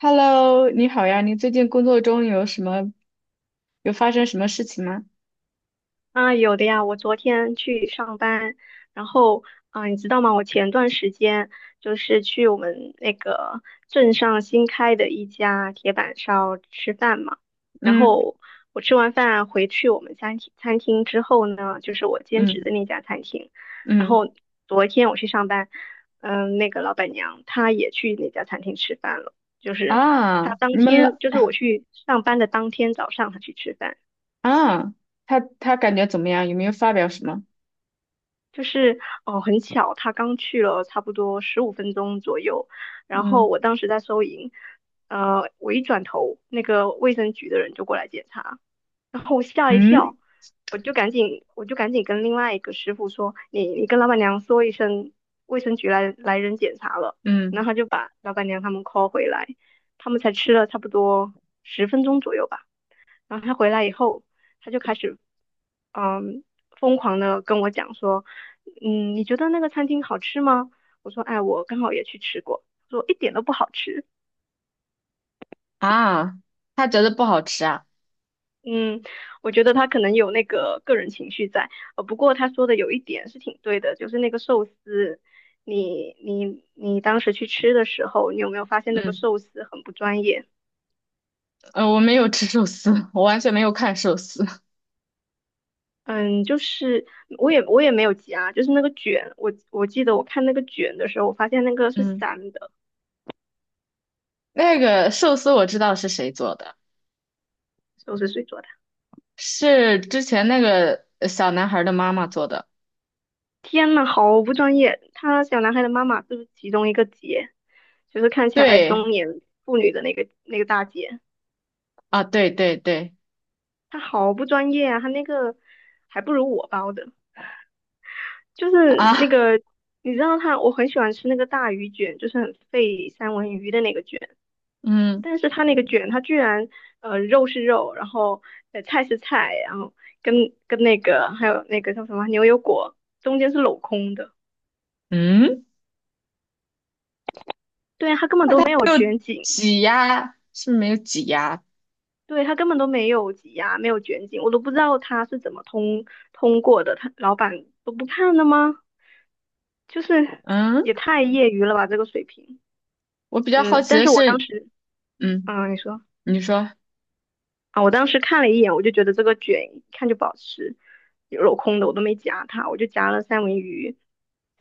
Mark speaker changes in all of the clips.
Speaker 1: Hello，你好呀，你最近工作中有什么，有发生什么事情吗？
Speaker 2: 啊，有的呀，我昨天去上班，然后，你知道吗？我前段时间就是去我们那个镇上新开的一家铁板烧吃饭嘛。然
Speaker 1: 嗯
Speaker 2: 后我吃完饭回去我们餐厅之后呢，就是我兼职
Speaker 1: 嗯
Speaker 2: 的那家餐厅。然
Speaker 1: 嗯，
Speaker 2: 后昨天我去上班，那个老板娘她也去那家餐厅吃饭了，就是她当
Speaker 1: 你们
Speaker 2: 天，
Speaker 1: 了
Speaker 2: 就是我去上班的当天早上她去吃饭。
Speaker 1: 啊，他感觉怎么样？有没有发表什么？
Speaker 2: 就是哦，很巧，他刚去了差不多15分钟左右，然后
Speaker 1: 嗯
Speaker 2: 我当时在收银。我一转头，那个卫生局的人就过来检查，然后我吓一
Speaker 1: 嗯
Speaker 2: 跳，我就赶紧跟另外一个师傅说，你跟老板娘说一声，卫生局来人检查了，然
Speaker 1: 嗯，
Speaker 2: 后他就把老板娘他们 call 回来，他们才吃了差不多10分钟左右吧。然后他回来以后，他就开始，嗯，疯狂的跟我讲说：你觉得那个餐厅好吃吗？我说，哎，我刚好也去吃过，他说一点都不好吃。
Speaker 1: 啊，他觉得不好吃啊？
Speaker 2: 嗯，我觉得他可能有那个个人情绪在。不过他说的有一点是挺对的，就是那个寿司，你当时去吃的时候，你有没有发现那个
Speaker 1: 嗯，
Speaker 2: 寿司很不专业？
Speaker 1: 我没有吃寿司，我完全没有看寿司。
Speaker 2: 嗯，就是我也没有夹，就是那个卷，我记得我看那个卷的时候，我发现那个是
Speaker 1: 嗯，
Speaker 2: 散的。
Speaker 1: 那个寿司我知道是谁做的，
Speaker 2: 都是谁做的？
Speaker 1: 是之前那个小男孩的妈妈做的。
Speaker 2: 天呐，好不专业！他小男孩的妈妈就是其中一个姐？就是看起来
Speaker 1: 对
Speaker 2: 中年妇女的那个大姐。
Speaker 1: 啊，对对对
Speaker 2: 她好不专业啊！她那个还不如我包的。就是那
Speaker 1: 啊，
Speaker 2: 个你知道她，我很喜欢吃那个大鱼卷，就是很费三文鱼的那个卷，
Speaker 1: 嗯
Speaker 2: 但是她那个卷，她居然肉是肉，然后菜是菜，然后跟跟那个还有那个叫什么牛油果中间是镂空的。
Speaker 1: 嗯。
Speaker 2: 对啊，她根本都没有卷紧。
Speaker 1: 挤压是不是没有挤压。
Speaker 2: 对，他根本都没有挤压，没有卷紧，我都不知道他是怎么通过的，他老板都不看的吗？就是
Speaker 1: 嗯，
Speaker 2: 也太业余了吧，这个水平。
Speaker 1: 我比较好
Speaker 2: 嗯，
Speaker 1: 奇
Speaker 2: 但
Speaker 1: 的
Speaker 2: 是我当
Speaker 1: 是，
Speaker 2: 时，
Speaker 1: 嗯，
Speaker 2: 嗯，你说。
Speaker 1: 你说，
Speaker 2: 啊，我当时看了一眼，我就觉得这个卷一看就不好吃，有镂空的我都没夹它，我就夹了三文鱼，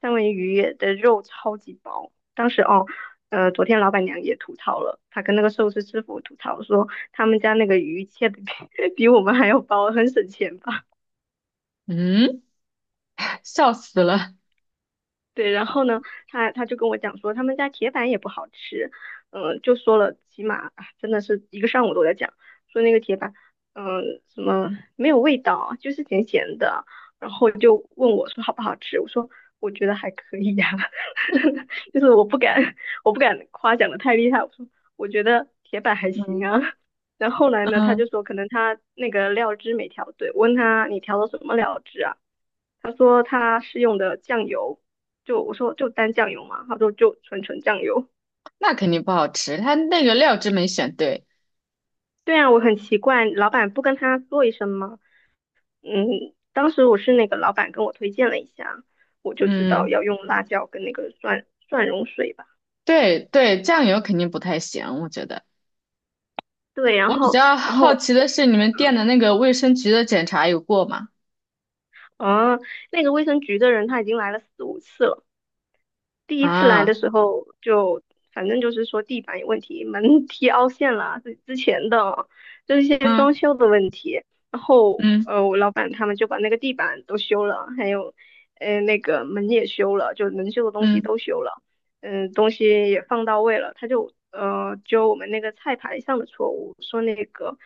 Speaker 2: 三文鱼的肉超级薄。当时哦，昨天老板娘也吐槽了，她跟那个寿司师傅吐槽说，他们家那个鱼切的比 比我们还要薄，很省钱吧。
Speaker 1: 嗯，笑死了。
Speaker 2: 对。然后呢，他就跟我讲说他们家铁板也不好吃。就说了，起码啊真的是一个上午都在讲，说那个铁板，嗯、什么没有味道，就是咸咸的，然后就问我说好不好吃，我说我觉得还可以呀。就是我不敢夸奖的太厉害，我说我觉得铁板还行
Speaker 1: 嗯
Speaker 2: 啊。然后后来呢，他
Speaker 1: 嗯，
Speaker 2: 就说可能他那个料汁没调对，我问他你调的什么料汁啊？他说他是用的酱油，就我说就单酱油嘛，他说就纯纯酱油。
Speaker 1: 那肯定不好吃，它那个料汁没选对。
Speaker 2: 对啊，我很奇怪，老板不跟他说一声吗？嗯，当时我是那个老板跟我推荐了一下，我就知道
Speaker 1: 嗯，
Speaker 2: 要用辣椒跟那个蒜蓉水吧。
Speaker 1: 对对，酱油肯定不太行，我觉得。
Speaker 2: 对，然
Speaker 1: 我比
Speaker 2: 后
Speaker 1: 较
Speaker 2: 然
Speaker 1: 好
Speaker 2: 后
Speaker 1: 奇的是，你们店
Speaker 2: 嗯
Speaker 1: 的那个卫生局的检查有过吗？
Speaker 2: 啊，那个卫生局的人他已经来了四五次了。第一次来
Speaker 1: 啊，
Speaker 2: 的时候就，反正就是说地板有问题，门 踢凹陷了，是之前的哦，就是一些装
Speaker 1: 嗯
Speaker 2: 修的问题。然后，
Speaker 1: 嗯
Speaker 2: 我老板他们就把那个地板都修了。还有，那个门也修了，就能修的东西
Speaker 1: 嗯，
Speaker 2: 都修了，东西也放到位了。他就，就我们那个菜牌上的错误，说那个。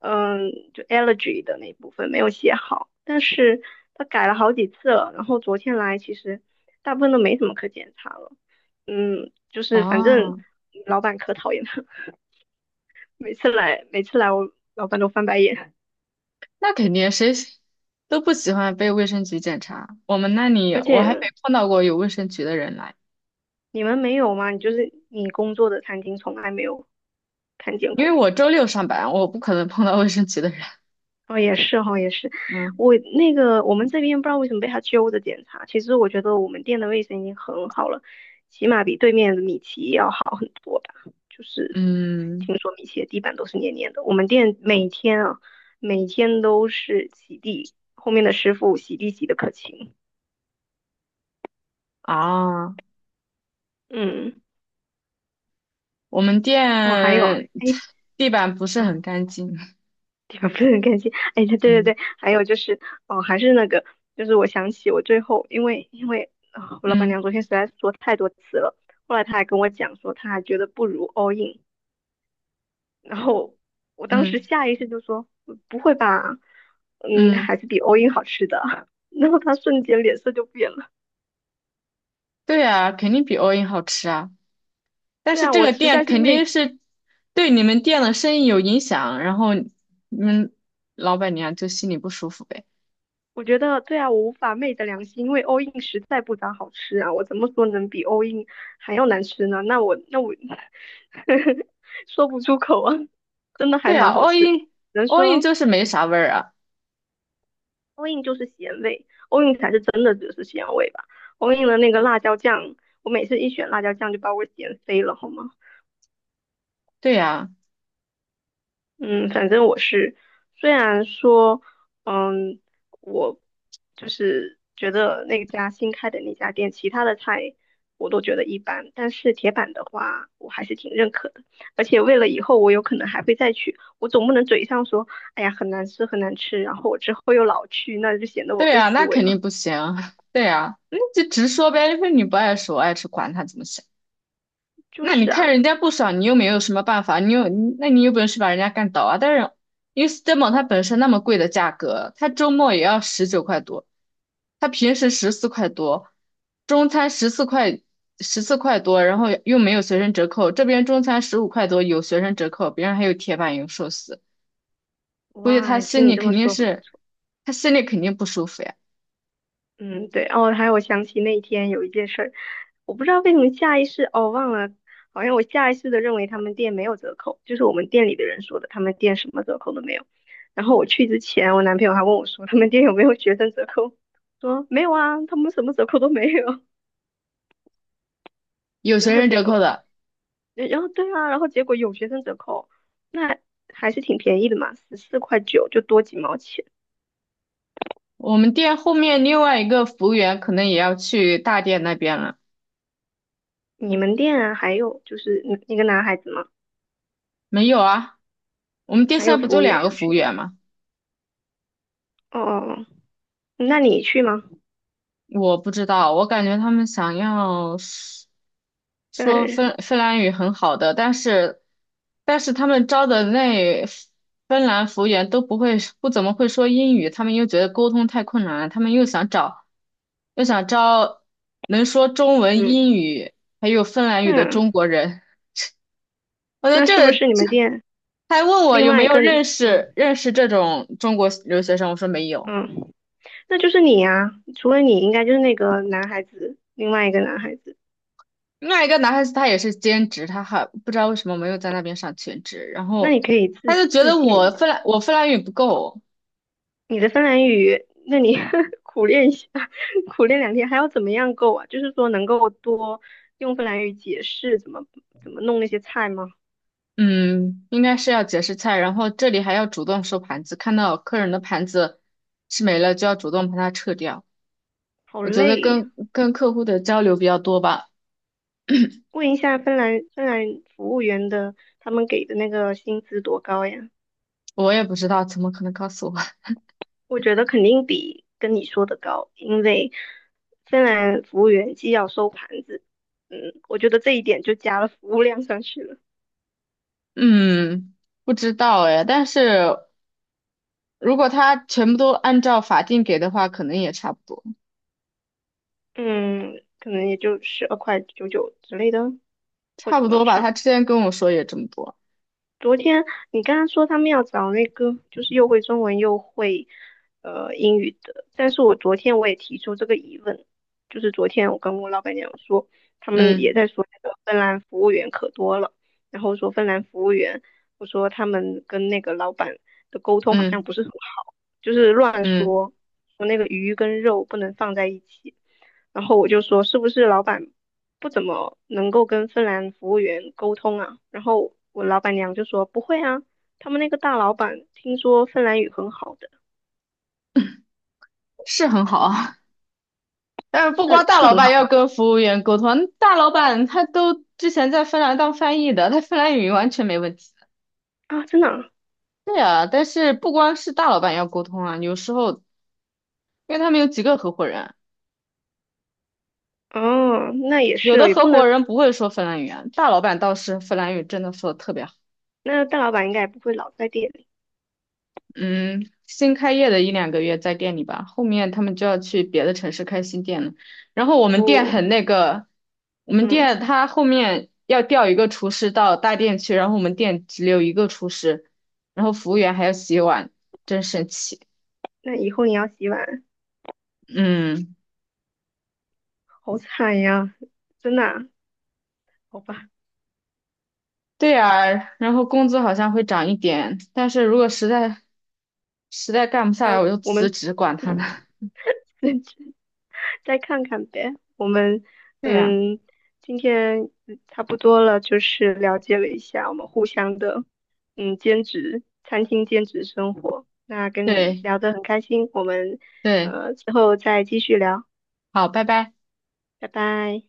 Speaker 2: 嗯，就 allergy 的那一部分没有写好，但是他改了好几次了。然后昨天来其实大部分都没什么可检查了。嗯，就是反正
Speaker 1: 哦，
Speaker 2: 老板可讨厌他，每次来我老板都翻白眼。
Speaker 1: 那肯定，谁都不喜欢被卫生局检查。我们那里
Speaker 2: 而
Speaker 1: 我还
Speaker 2: 且
Speaker 1: 没碰到过有卫生局的人来。
Speaker 2: 你们没有吗？你就是你工作的餐厅从来没有看见
Speaker 1: 因为
Speaker 2: 过。
Speaker 1: 我周六上班，我不可能碰到卫生局的人
Speaker 2: 哦，也是哈，也是。
Speaker 1: 嗯，
Speaker 2: 我那个我们这边不知道为什么被他揪着检查。其实我觉得我们店的卫生已经很好了，起码比对面的米奇要好很多吧。就是
Speaker 1: 嗯，
Speaker 2: 听说米奇的地板都是黏黏的，我们店每天啊，每天都是洗地，后面的师傅洗地洗的可勤。
Speaker 1: 啊，
Speaker 2: 嗯。
Speaker 1: 我们
Speaker 2: 哦，还有啊。
Speaker 1: 店
Speaker 2: 哎。
Speaker 1: 地板不是
Speaker 2: 啊，
Speaker 1: 很干净。
Speaker 2: 地方不是很干净。哎，对对
Speaker 1: 嗯
Speaker 2: 对，还有就是，哦，还是那个，就是我想起我最后，因为啊、我老板娘
Speaker 1: 嗯
Speaker 2: 昨天实在说太多次了，后来她还跟我讲说，她还觉得不如 all in，然后我当时
Speaker 1: 嗯
Speaker 2: 下意识就说，嗯不会吧。嗯，
Speaker 1: 嗯，
Speaker 2: 还是比 all in 好吃的。然后她瞬间脸色就变了。
Speaker 1: 对啊，肯定比欧印好吃啊。但
Speaker 2: 对
Speaker 1: 是
Speaker 2: 啊，
Speaker 1: 这
Speaker 2: 我
Speaker 1: 个
Speaker 2: 实在
Speaker 1: 店
Speaker 2: 是
Speaker 1: 肯
Speaker 2: 没
Speaker 1: 定是对你们店的生意有影响，然后你们老板娘就心里不舒服呗。
Speaker 2: 我觉得对啊，我无法昧着良心，因为 all in 实在不咋好吃啊，我怎么说能比 all in 还要难吃呢？那我 说不出口啊，真的还
Speaker 1: 对
Speaker 2: 蛮
Speaker 1: 啊，
Speaker 2: 好
Speaker 1: l
Speaker 2: 吃的，只能
Speaker 1: l in
Speaker 2: 说
Speaker 1: 就是没啥味儿啊。
Speaker 2: all in 就是咸味，all in 才是真的只是咸味吧。all in 的那个辣椒酱，我每次一选辣椒酱就把我咸飞了，好吗？
Speaker 1: 对呀、
Speaker 2: 嗯，反正我是，虽然说，嗯，我就是觉得那家新开的那家店，其他的菜我都觉得一般，但是铁板的话，我还是挺认可的。而且为了以后我有可能还会再去，我总不能嘴上说，哎呀，很难吃，很难吃，然后我之后又老去，那就显得我
Speaker 1: 对
Speaker 2: 更
Speaker 1: 呀，
Speaker 2: 虚
Speaker 1: 那
Speaker 2: 伪
Speaker 1: 肯
Speaker 2: 了。
Speaker 1: 定不行。对呀，那就直说呗，因为你不爱吃，我爱吃，管他怎么想。
Speaker 2: 就
Speaker 1: 那你
Speaker 2: 是
Speaker 1: 看
Speaker 2: 啊。
Speaker 1: 人家不爽，你又没有什么办法，你有，你那你有本事把人家干倒啊？但是因为 Stemo 它本身那么贵的价格，它周末也要19块多，它平时十四块多，中餐十四块多，然后又没有学生折扣，这边中餐15块多有学生折扣，别人还有铁板油寿司，估计他
Speaker 2: 哇，听
Speaker 1: 心
Speaker 2: 你
Speaker 1: 里
Speaker 2: 这么
Speaker 1: 肯定
Speaker 2: 说，很不
Speaker 1: 是，
Speaker 2: 错。
Speaker 1: 他心里肯定不舒服呀。
Speaker 2: 嗯，对，哦，还有我想起那一天有一件事儿。我不知道为什么下意识，哦，忘了，好像我下意识的认为他们店没有折扣，就是我们店里的人说的，他们店什么折扣都没有。然后我去之前，我男朋友还问我说，他们店有没有学生折扣？说没有啊，他们什么折扣都没有。
Speaker 1: 有 学
Speaker 2: 然后
Speaker 1: 生
Speaker 2: 结
Speaker 1: 折扣
Speaker 2: 果，
Speaker 1: 的。
Speaker 2: 然后对啊，然后结果有学生折扣，那还是挺便宜的嘛，14.9块就多几毛钱。
Speaker 1: 我们店后面另外一个服务员可能也要去大店那边了。
Speaker 2: 你们店啊，还有就是一个男孩子吗？
Speaker 1: 没有啊，我们店现
Speaker 2: 还
Speaker 1: 在
Speaker 2: 有
Speaker 1: 不
Speaker 2: 服
Speaker 1: 就
Speaker 2: 务员
Speaker 1: 两个
Speaker 2: 要
Speaker 1: 服务
Speaker 2: 去的。
Speaker 1: 员吗？
Speaker 2: 哦哦哦，那你去吗？
Speaker 1: 我不知道，我感觉他们想要说
Speaker 2: 芬兰人。
Speaker 1: 芬兰语很好的，但是他们招的那芬兰服务员都不会不怎么会说英语，他们又觉得沟通太困难了，他们又想找又想招能说中文、
Speaker 2: 嗯，
Speaker 1: 英语还有芬兰语的
Speaker 2: 那
Speaker 1: 中国人。我觉
Speaker 2: 那是不
Speaker 1: 得
Speaker 2: 是你
Speaker 1: 这
Speaker 2: 们店
Speaker 1: 他还问我
Speaker 2: 另
Speaker 1: 有没
Speaker 2: 外一
Speaker 1: 有
Speaker 2: 个？嗯
Speaker 1: 认识这种中国留学生，我说没有。
Speaker 2: 嗯，那就是你呀、除了你，应该就是那个男孩子，另外一个男孩子。
Speaker 1: 另外一个男孩子他也是兼职，他还不知道为什么没有在那边上全职，然
Speaker 2: 那你
Speaker 1: 后
Speaker 2: 可以
Speaker 1: 他
Speaker 2: 自
Speaker 1: 就觉
Speaker 2: 自
Speaker 1: 得
Speaker 2: 荐一下
Speaker 1: 我芬兰语不够，
Speaker 2: 你的芬兰语，那你 苦练一下，苦练2天，还要怎么样够啊？就是说能够多用芬兰语解释怎么弄那些菜吗？
Speaker 1: 嗯，应该是要解释菜，然后这里还要主动收盘子，看到客人的盘子吃没了就要主动把它撤掉。
Speaker 2: 好
Speaker 1: 我觉得
Speaker 2: 累呀、
Speaker 1: 跟客户的交流比较多吧，
Speaker 2: 问一下芬兰服务员的，他们给的那个薪资多高呀？
Speaker 1: 我也不知道，怎么可能告诉我？
Speaker 2: 我觉得肯定比跟你说的高，因为芬兰服务员既要收盘子，嗯，我觉得这一点就加了服务量上去了。
Speaker 1: 嗯，不知道哎，但是。如果他全部都按照法定给的话，可能也差不多，
Speaker 2: 嗯，可能也就12.99块之类的，或
Speaker 1: 差不
Speaker 2: 者
Speaker 1: 多
Speaker 2: 往
Speaker 1: 吧。
Speaker 2: 上。
Speaker 1: 他之前跟我说也这么多，
Speaker 2: 昨天你刚刚说他们要找那个，就是又会中文又会英语的，但是我昨天我也提出这个疑问，就是昨天我跟我老板娘说，他们也
Speaker 1: 嗯
Speaker 2: 在说那个芬兰服务员可多了，然后说芬兰服务员，我说他们跟那个老板的沟通好像
Speaker 1: 嗯
Speaker 2: 不是很好，就是乱
Speaker 1: 嗯，
Speaker 2: 说，说那个鱼跟肉不能放在一起，然后我就说是不是老板不怎么能够跟芬兰服务员沟通啊。然后我老板娘就说不会啊，他们那个大老板听说芬兰语很好的，
Speaker 1: 是很好啊。但是不光
Speaker 2: 是
Speaker 1: 大
Speaker 2: 是
Speaker 1: 老
Speaker 2: 很
Speaker 1: 板
Speaker 2: 好
Speaker 1: 要跟服务员沟通，大老板他都之前在芬兰当翻译的，他芬兰语完全没问题。
Speaker 2: 啊，真的啊。
Speaker 1: 对啊，但是不光是大老板要沟通啊，有时候因为他们有几个合伙人，
Speaker 2: 哦，那也
Speaker 1: 有
Speaker 2: 是
Speaker 1: 的
Speaker 2: 哦，也
Speaker 1: 合
Speaker 2: 不能，
Speaker 1: 伙人不会说芬兰语啊，大老板倒是芬兰语真的说的特别好。
Speaker 2: 那大老板应该也不会老在店里。
Speaker 1: 嗯，新开业的一两个月在店里吧，后面他们就要去别的城市开新店了。然后我们店
Speaker 2: 不。
Speaker 1: 很那个，我们
Speaker 2: 嗯，
Speaker 1: 店他后面要调一个厨师到大店去，然后我们店只有一个厨师，然后服务员还要洗碗，真神奇。
Speaker 2: 那以后你要洗碗，
Speaker 1: 嗯，
Speaker 2: 好惨呀，真的啊。好吧，
Speaker 1: 对呀，然后工资好像会涨一点，但是如果实在干不下来，我就
Speaker 2: 我们
Speaker 1: 辞职，管他呢。
Speaker 2: 自再看看呗。我们
Speaker 1: 对呀，
Speaker 2: 嗯，今天差不多了，就是了解了一下我们互相的兼职餐厅兼职生活。那跟你
Speaker 1: 对
Speaker 2: 聊得很开心，我们
Speaker 1: 对，
Speaker 2: 之后再继续聊。
Speaker 1: 好，拜拜。
Speaker 2: 拜拜。